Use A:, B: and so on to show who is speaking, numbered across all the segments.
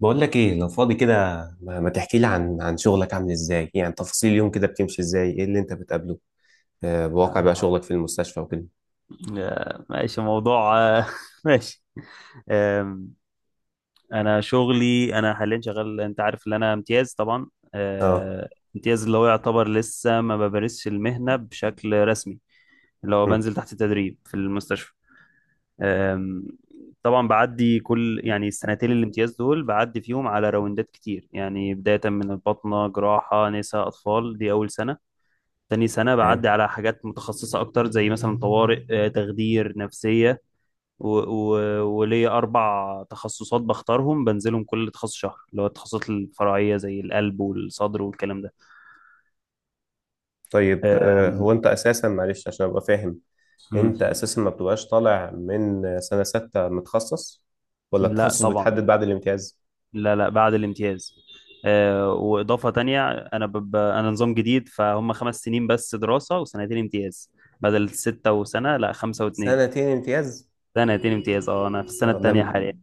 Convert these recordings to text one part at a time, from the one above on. A: بقول لك ايه لو فاضي كده، ما تحكي لي عن شغلك عامل ازاي؟ يعني تفاصيل اليوم كده بتمشي ازاي؟ ايه اللي انت بتقابله؟ آه، بواقع بقى
B: آه،
A: شغلك في المستشفى وكده.
B: آه، ماشي موضوع ماشي. آم، انا حاليا شغال. انت عارف ان انا امتياز طبعا.
A: اه.
B: آه، امتياز اللي هو يعتبر لسه ما بمارسش المهنة بشكل رسمي، اللي هو
A: مم.
B: بنزل تحت تدريب في المستشفى. آم، طبعا بعدي كل يعني السنتين الامتياز دول بعدي فيهم على راوندات كتير، يعني بداية من الباطنة جراحة نساء أطفال دي أول سنة. تاني سنة
A: تمام.
B: بعدي على حاجات متخصصة أكتر زي مثلا طوارئ، تخدير، نفسية. و... و... وليا 4 تخصصات بختارهم بنزلهم كل تخصص شهر، اللي هو التخصصات الفرعية زي القلب والصدر والكلام ده.
A: طيب،
B: آم،
A: هو انت اساسا، معلش عشان ابقى فاهم، انت
B: مم.
A: اساسا ما بتبقاش طالع من سنة ستة متخصص؟ ولا
B: لا
A: التخصص
B: طبعا.
A: بيتحدد بعد الامتياز؟
B: لا، لا، بعد الامتياز. وإضافة تانية أنا نظام جديد، فهم 5 سنين بس دراسة وسنتين امتياز، بدل ستة وسنة، لا خمسة واتنين.
A: سنتين امتياز؟
B: سنتين امتياز، اه، أنا في السنة
A: اه.
B: التانية حاليا.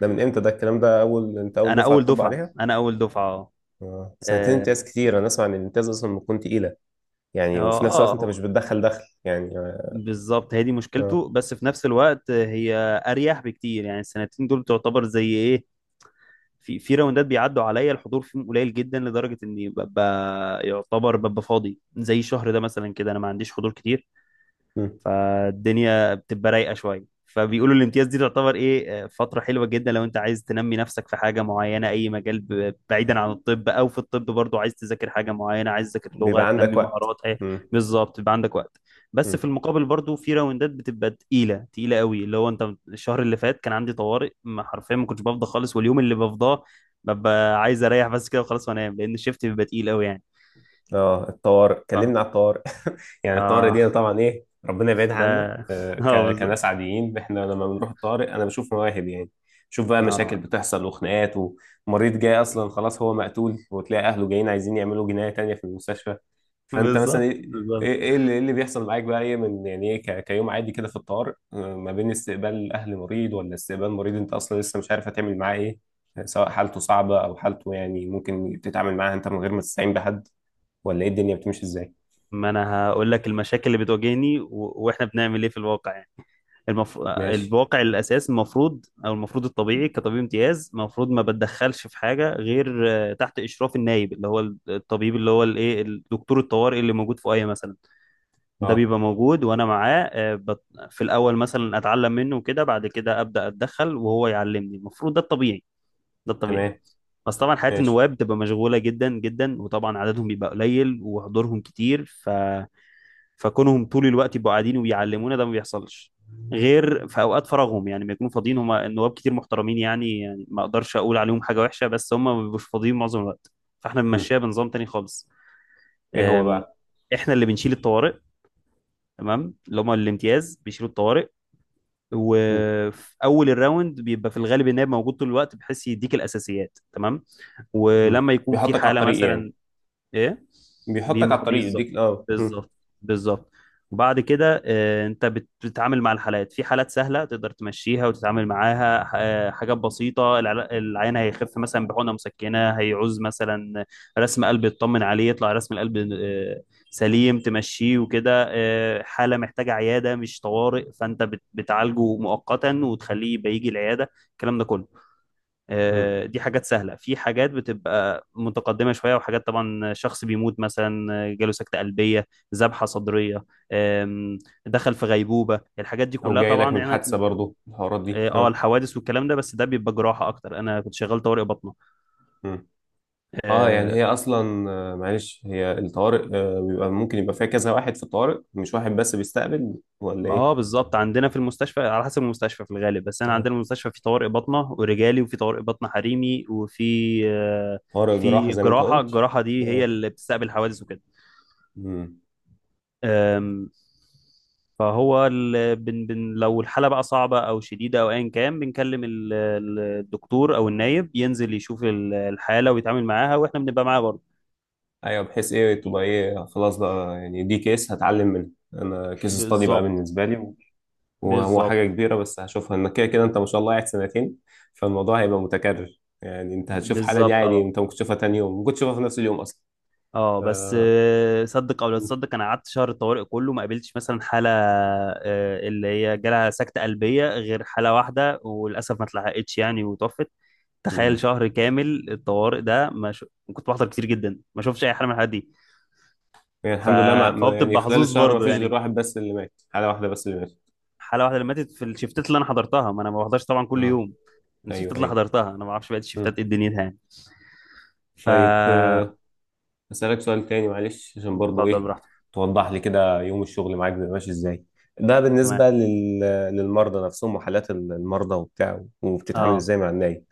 A: ده من امتى ده الكلام ده؟ اول، انت اول
B: أنا
A: دفعة
B: أول
A: تطبق
B: دفعة،
A: عليها؟
B: أنا أول دفعة، اه.
A: اه. سنتين امتياز
B: اه،
A: كتير، انا اسمع ان الامتياز اصلا بتكون تقيلة.
B: اه.
A: يعني وفي نفس الوقت انت مش
B: هو
A: بتدخل دخل يعني. اه.
B: بالظبط هي دي
A: آه،
B: مشكلته، بس في نفس الوقت هي اريح بكتير، يعني السنتين دول تعتبر زي ايه، في راوندات بيعدوا عليا، الحضور فيهم قليل جدا لدرجه اني ببقى يعتبر ببقى فاضي، زي الشهر ده مثلا كده انا ما عنديش حضور كتير.
A: مم.
B: فالدنيا بتبقى رايقه شويه، فبيقولوا الامتياز دي تعتبر ايه، فتره حلوه جدا لو انت عايز تنمي نفسك في حاجه معينه، اي مجال بعيدا عن الطب او في الطب برضو، عايز تذاكر حاجه معينه، عايز تذاكر لغه،
A: بيبقى عندك
B: تنمي
A: وقت.
B: مهارات ايه.
A: مم.
B: بالظبط يبقى عندك وقت. بس في
A: مم.
B: المقابل برضو في راوندات بتبقى تقيله تقيله قوي، اللي هو انت الشهر اللي فات كان عندي طوارئ، ما حرفيا ما كنتش بفضى خالص، واليوم اللي بفضاه ببقى عايز اريح بس كده وخلاص وانام، لان الشيفت بيبقى تقيل قوي يعني.
A: اه، الطوارئ، كلمنا
B: اه.
A: على الطوارئ. يعني الطوارئ دي
B: اه.
A: طبعا ايه، ربنا يبعدها
B: ده
A: عنا.
B: اه،
A: كناس
B: بالظبط.
A: عاديين احنا لما بنروح الطوارئ انا بشوف مواهب يعني. شوف بقى مشاكل
B: اه،
A: بتحصل وخناقات، ومريض جاي اصلا خلاص هو مقتول وتلاقي اهله جايين عايزين يعملوا جناية تانية في المستشفى. فانت مثلا
B: بالظبط
A: ايه، ايه
B: بالظبط.
A: إيه اللي, إيه اللي بيحصل معاك بقى؟ ايه من يعني، كيوم عادي كده في الطوارئ، آه، ما بين استقبال اهل مريض ولا استقبال مريض انت اصلا لسه مش عارف هتعمل معاه ايه، سواء حالته صعبة او حالته يعني ممكن تتعامل معاها انت من غير ما تستعين بحد، ولا ايه الدنيا بتمشي ازاي؟
B: ما انا هقول لك المشاكل اللي بتواجهني واحنا بنعمل ايه في الواقع يعني.
A: ماشي.
B: الواقع الاساس المفروض الطبيعي، كطبيب امتياز المفروض ما بتدخلش في حاجه غير تحت اشراف النايب، اللي هو الطبيب، اللي هو الايه، الدكتور الطوارئ اللي موجود في ايه مثلا. ده
A: اه.
B: بيبقى موجود وانا معاه، في الاول مثلا اتعلم منه وكده، بعد كده ابدا اتدخل وهو يعلمني، المفروض ده الطبيعي. ده الطبيعي.
A: تمام.
B: بس طبعا حياة
A: ماشي.
B: النواب بتبقى مشغولة جدا جدا، وطبعا عددهم بيبقى قليل وحضورهم كتير فكونهم طول الوقت يبقوا قاعدين وبيعلمونا ده ما بيحصلش، غير في اوقات فراغهم، يعني بيكونوا فاضيين. هم النواب كتير محترمين يعني ما اقدرش اقول عليهم حاجة وحشة، بس هم ما بيبقوش فاضيين معظم الوقت. فاحنا
A: مم.
B: بنمشيها بنظام تاني خالص.
A: ايه هو
B: أم،
A: بقى؟
B: احنا اللي بنشيل الطوارئ، تمام، اللي هم الامتياز بيشيلوا الطوارئ.
A: مم.
B: وفي اول الراوند بيبقى في الغالب النائب موجود طول الوقت، بحيث يديك الاساسيات تمام.
A: مم.
B: ولما يكون في
A: بيحطك على
B: حالة
A: الطريق يعني.
B: مثلا ايه،
A: بيحطك على الطريق،
B: بالظبط.
A: يديك اه. مم.
B: بالظبط. بالظبط. وبعد كده انت بتتعامل مع الحالات. في حالات سهلة تقدر تمشيها وتتعامل معاها حاجات بسيطة، العيان هيخف مثلا بحقنة مسكنة، هيعوز مثلا رسم قلب يطمن عليه، يطلع رسم القلب سليم تمشيه وكده. حالة محتاجة عيادة مش طوارئ، فانت بتعالجه مؤقتا وتخليه يبقى يجي العيادة، الكلام ده كله.
A: مم.
B: دي حاجات سهلة، في حاجات بتبقى متقدمة شوية، وحاجات طبعا شخص بيموت مثلا، جاله سكتة قلبية، ذبحة صدرية. آم، دخل في غيبوبة، الحاجات دي
A: او
B: كلها
A: جاي لك
B: طبعا
A: من
B: يعني
A: حادثة برضو الحوارات دي؟
B: اه،
A: اه.
B: الحوادث والكلام ده، بس ده بيبقى جراحة اكتر، انا كنت شغال طوارئ باطنة.
A: مم. اه. يعني
B: اه،
A: هي اصلا آه، معلش، هي الطوارئ آه، بيبقى ممكن يبقى فيها كذا واحد في الطوارئ، مش واحد بس بيستقبل؟ ولا ايه؟
B: بالظبط. عندنا في المستشفى على حسب المستشفى، في الغالب بس انا
A: اه.
B: عندنا المستشفى في طوارئ باطنة ورجالي، وفي طوارئ باطنة حريمي، وفي آه،
A: طوارئ جراحة
B: في
A: زي ما انت
B: جراحة.
A: قلت.
B: الجراحة دي هي
A: اه.
B: اللي بتستقبل الحوادث وكده.
A: مم.
B: أم، فهو لو الحالة بقى صعبة أو شديدة أو أيا كان، بنكلم الدكتور أو النايب، ينزل يشوف الحالة ويتعامل معاها، وإحنا بنبقى معاه برضه.
A: ايوه، بحيث ايه تبقى ايه، خلاص بقى يعني دي كيس هتعلم منها، انا كيس استادي بقى
B: بالظبط.
A: بالنسبه لي. وهو
B: بالظبط.
A: حاجة كبيرة بس هشوفها انك كده كده انت ما شاء الله قاعد سنتين، فالموضوع هيبقى متكرر. يعني انت هتشوف حالة دي
B: بالظبط.
A: عادي،
B: اه،
A: انت ممكن تشوفها تاني يوم، ممكن تشوفها في نفس اليوم اصلا.
B: اه.
A: ف...
B: بس صدق او لا
A: مم.
B: تصدق، انا قعدت شهر الطوارئ كله ما قابلتش مثلا حاله اللي هي جالها سكته قلبيه غير حاله واحده، وللاسف ما اتلحقتش يعني وتوفت. تخيل
A: مم.
B: شهر كامل الطوارئ ده ما ش... كنت بحضر كتير جدا، ما شوفش اي حاله من الحالات دي.
A: يعني
B: ف...
A: الحمد لله، ما...
B: فهو
A: ما- يعني
B: بتبقى
A: خلال
B: حظوظ
A: الشهر ما
B: برضه
A: فيش غير
B: يعني.
A: واحد بس اللي مات، حالة واحدة بس اللي مات.
B: حاله واحده اللي ماتت في الشفتات اللي انا حضرتها، ما انا ما بحضرش طبعا كل
A: اه.
B: يوم، الشفتات
A: ايوه
B: اللي
A: ايوه.
B: حضرتها انا، ما اعرفش بقى
A: مم.
B: الشفتات ايه دنيتها يعني. ف
A: طيب آه، أسألك سؤال تاني معلش عشان برضو
B: اتفضل
A: إيه
B: براحتك.
A: توضح لي كده، يوم الشغل معاك بيبقى ماشي إزاي؟ ده
B: تمام.
A: بالنسبة لل... للمرضى نفسهم وحالات المرضى وبتاع، وبتتعامل
B: اه.
A: إزاي مع النايب،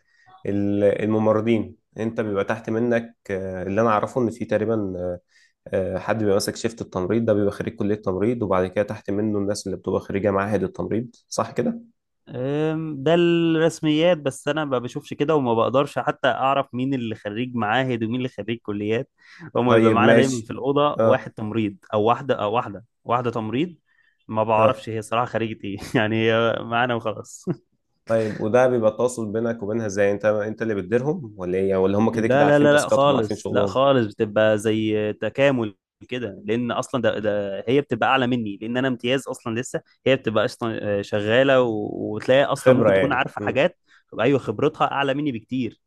A: ال- الممرضين، أنت بيبقى تحت منك آه، اللي أنا أعرفه إن في تقريبا آه، آه، حد بيبقى ماسك شيفت التمريض ده بيبقى خريج كلية تمريض، وبعد كده تحت منه الناس اللي بتبقى خريجة معاهد التمريض، صح كده؟
B: ده الرسميات، بس انا ما بشوفش كده وما بقدرش حتى اعرف مين اللي خريج معاهد ومين اللي خريج كليات. هما بيبقى
A: طيب
B: معانا دايما
A: ماشي.
B: في الاوضه واحد
A: أه.
B: تمريض او واحده، او واحده تمريض. ما بعرفش
A: أه.
B: هي صراحه خريجة ايه يعني هي معانا وخلاص.
A: طيب، وده بيبقى التواصل بينك وبينها ازاي؟ انت اللي بتديرهم ولا ايه؟ ولا هم كده كده
B: لا، لا،
A: عارفين
B: لا، لا،
A: تاسكاتهم، عارفين
B: خالص، لا،
A: شغلهم؟
B: خالص. بتبقى زي تكامل كده، لان اصلا ده هي بتبقى اعلى مني، لان انا امتياز اصلا لسه. هي بتبقى اصلا شغاله، وتلاقي اصلا
A: خبرة
B: ممكن تكون
A: يعني.
B: عارفه
A: امم.
B: حاجات. ايوه خبرتها اعلى مني بكتير.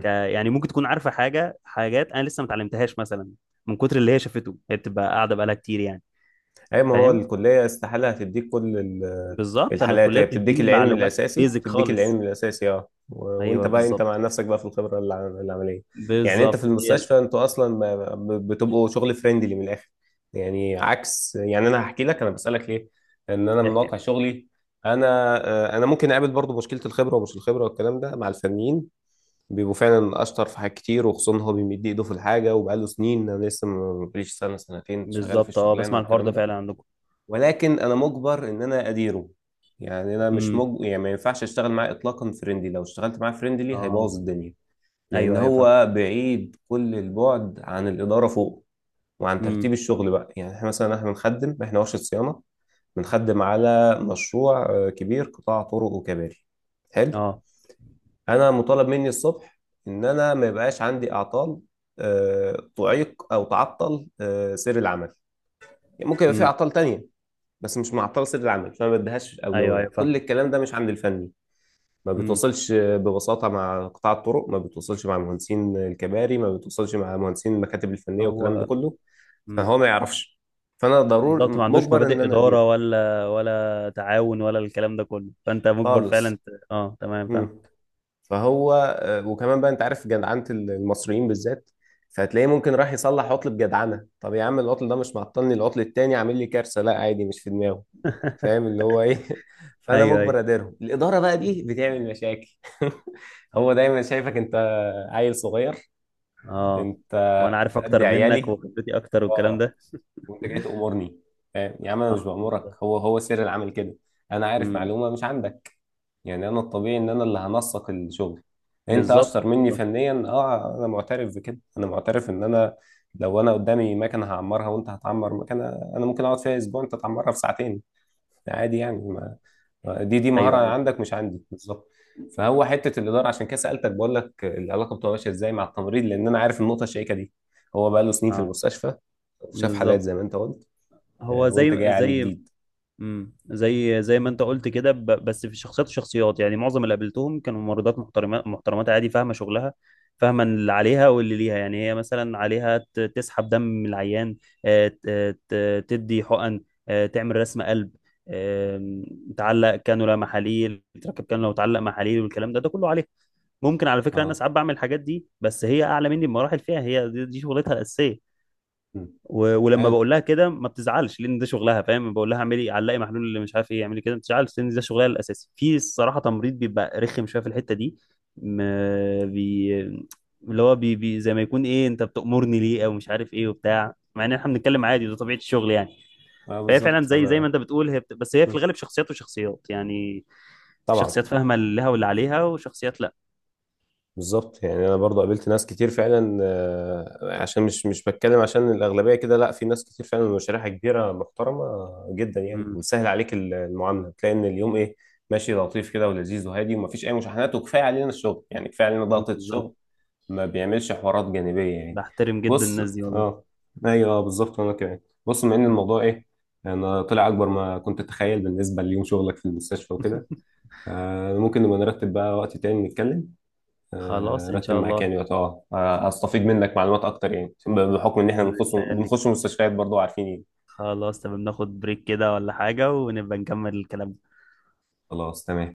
B: يعني ممكن تكون عارفه حاجه، حاجات انا لسه ما اتعلمتهاش مثلا، من كتر اللي هي شافته، هي بتبقى قاعده بقالها كتير يعني،
A: اي ما هو
B: فاهم.
A: الكليه استحاله هتديك كل ال-
B: بالظبط، انا
A: الحالات،
B: الكليه
A: هي بتديك
B: بتديني
A: العلم
B: معلومات
A: الاساسي،
B: بيزك
A: بتديك
B: خالص.
A: العلم الاساسي اه، و- وانت
B: ايوه
A: بقى انت
B: بالظبط.
A: مع نفسك بقى في الخبره، الع- العمليه. يعني انت في
B: بالظبط هي
A: المستشفى انتوا اصلا بتبقوا شغل فريندلي من الاخر. يعني عكس، يعني انا هحكي لك، انا بسالك ليه، ان انا من واقع
B: الحكايه.
A: شغلي، انا آه، انا ممكن اقابل برضو مشكله الخبره، ومش الخبره والكلام ده، مع الفنيين بيبقوا فعلا اشطر في حاجات كتير، وخصوصا هو بيمد ايده في الحاجه وبقاله سنين، انا لسه مبقاليش سنه سنتين شغال في
B: بالظبط، اه،
A: الشغلانه
B: بسمع الحوار
A: والكلام
B: ده فعلا
A: ده.
B: عندكم.
A: ولكن انا مجبر ان انا اديره. يعني انا مش
B: امم.
A: مج... يعني ما ينفعش اشتغل معاه اطلاقا فريندلي، لو اشتغلت معاه فريندلي
B: اه.
A: هيبوظ الدنيا. لان
B: ايوه، ايوه، فاهم.
A: هو بعيد كل البعد عن الاداره فوق، وعن
B: امم.
A: ترتيب الشغل بقى. يعني احنا مثلا، بنخدم احنا ورشه صيانه، بنخدم على مشروع آه، كبير، قطاع طرق وكباري. حلو.
B: اه.
A: انا مطالب مني الصبح ان انا ما يبقاش عندي اعطال آه، تعيق او تعطل آه، سير العمل. يعني ممكن يبقى في
B: امم.
A: اعطال تانية بس مش معطله سر العمل، فما بديهاش
B: ايوه،
A: اولويه.
B: ايوه،
A: كل
B: فاهم.
A: الكلام ده مش عند الفني، ما
B: امم.
A: بتوصلش ببساطه مع قطاع الطرق، ما بتوصلش مع مهندسين الكباري، ما بتوصلش مع مهندسين المكاتب الفنيه والكلام ده
B: هو
A: كله.
B: امم.
A: فهو ما يعرفش. فانا ضروري
B: بالظبط، ما عندوش
A: مجبر ان
B: مبادئ
A: انا اديره،
B: اداره ولا تعاون ولا الكلام ده كله، فانت مجبر فعلا
A: خالص.
B: اه، تمام، فاهم.
A: مم. فهو آه، وكمان بقى انت عارف جدعنه المصريين بالذات، فهتلاقيه ممكن راح يصلح عطل بجدعنه. طب يا عم العطل ده مش معطلني، العطل التاني عامل لي كارثه. لا عادي، مش في دماغه. فاهم اللي هو ايه؟ فانا
B: ايوه، ايوه،
A: مجبر اديرهم، الاداره بقى دي بتعمل مشاكل. هو دايما شايفك انت عيل صغير،
B: اه،
A: انت
B: وانا عارف
A: قد
B: اكتر منك
A: عيالي.
B: وخبرتي اكتر والكلام
A: اه.
B: ده،
A: وانت جاي تامرني. فاهم يا عم انا مش
B: اه،
A: بامرك،
B: بالظبط.
A: هو سر العمل كده. انا عارف
B: امم.
A: معلومه مش عندك. يعني انا الطبيعي ان انا اللي هنسق الشغل. انت
B: بالظبط.
A: اشطر مني
B: بالظبط.
A: فنيا اه، انا معترف بكده، انا معترف ان انا لو انا قدامي مكنه هعمرها وانت هتعمر مكنه، انا ممكن اقعد فيها اسبوع، انت تعمرها في ساعتين، عادي يعني.
B: مم.
A: دي مهارة
B: ايوه، ايوه،
A: عندك مش عندي، بالظبط. فهو حتة الإدارة عشان كده سألتك، بقول لك العلاقة بتبقى ماشية إزاي مع التمريض، لأن أنا عارف النقطة الشائكة دي. هو بقى له سنين في
B: اه،
A: المستشفى، وشاف حالات
B: بالظبط.
A: زي ما أنت قلت،
B: هو
A: آه، وأنت جاي عليه جديد.
B: امم، زي ما انت قلت كده، بس في شخصيات وشخصيات يعني، معظم اللي قابلتهم كانوا ممرضات محترمات محترمات، عادي، فاهمه شغلها، فاهمه اللي عليها واللي ليها، يعني هي مثلا عليها تسحب دم من العيان، تدي حقن، تعمل رسم قلب، آم، تعلق كانولا محاليل، تركب كانولا وتعلق محاليل والكلام ده كله عليها. ممكن على فكره انا
A: أه.
B: ساعات بعمل الحاجات دي، بس هي اعلى مني بمراحل فيها، هي دي شغلتها الاساسيه.
A: مم.
B: ولما
A: أيوه.
B: بقول لها كده ما بتزعلش لان ده شغلها، فاهم، بقول لها اعملي علقي محلول اللي مش عارف ايه اعملي كده، ما بتزعلش لان ده شغلها الاساسي. في الصراحه تمريض بيبقى رخم شويه في الحته دي، ما بي... اللي هو بي... بي... زي ما يكون ايه انت بتأمرني ليه او مش عارف ايه وبتاع، مع ان احنا بنتكلم عادي، ده طبيعه الشغل يعني.
A: أه،
B: فهي فعلا
A: بالظبط
B: زي ما
A: أنا.
B: انت بتقول هي بس هي في
A: مم.
B: الغالب شخصيات وشخصيات يعني، في
A: طبعا.
B: شخصيات فاهمه اللي لها واللي عليها وشخصيات لا.
A: بالظبط. يعني انا برضو قابلت ناس كتير فعلا آه، عشان مش بتكلم عشان الاغلبيه كده، لا، في ناس كتير فعلا مشاريعها كبيره، محترمه جدا يعني،
B: امم،
A: وبتسهل عليك ال- المعامله، تلاقي ان اليوم ايه ماشي لطيف كده ولذيذ وهادي، ومفيش اي مشاحنات، وكفايه علينا الشغل يعني، كفايه علينا ضغطه
B: بالظبط،
A: الشغل، ما بيعملش حوارات جانبيه يعني.
B: بحترم جدا
A: بص.
B: الناس دي والله.
A: اه. ايوه، آه، بالظبط، وانا كمان. بص، بما ان
B: مم.
A: الموضوع ايه، انا طلع اكبر ما كنت اتخيل بالنسبه ليوم شغلك في المستشفى وكده، آه، ممكن نبقى نرتب بقى وقت تاني نتكلم آه،
B: خلاص ان
A: رتب
B: شاء الله،
A: مكاني وقت- اه آه، استفيد منك معلومات اكتر يعني، بحكم ان احنا
B: باذن الله،
A: بنخش مستشفيات برضو، عارفين يعني.
B: خلاص تمام، ناخد بريك كده ولا حاجة ونبقى نكمل الكلام.
A: خلاص تمام.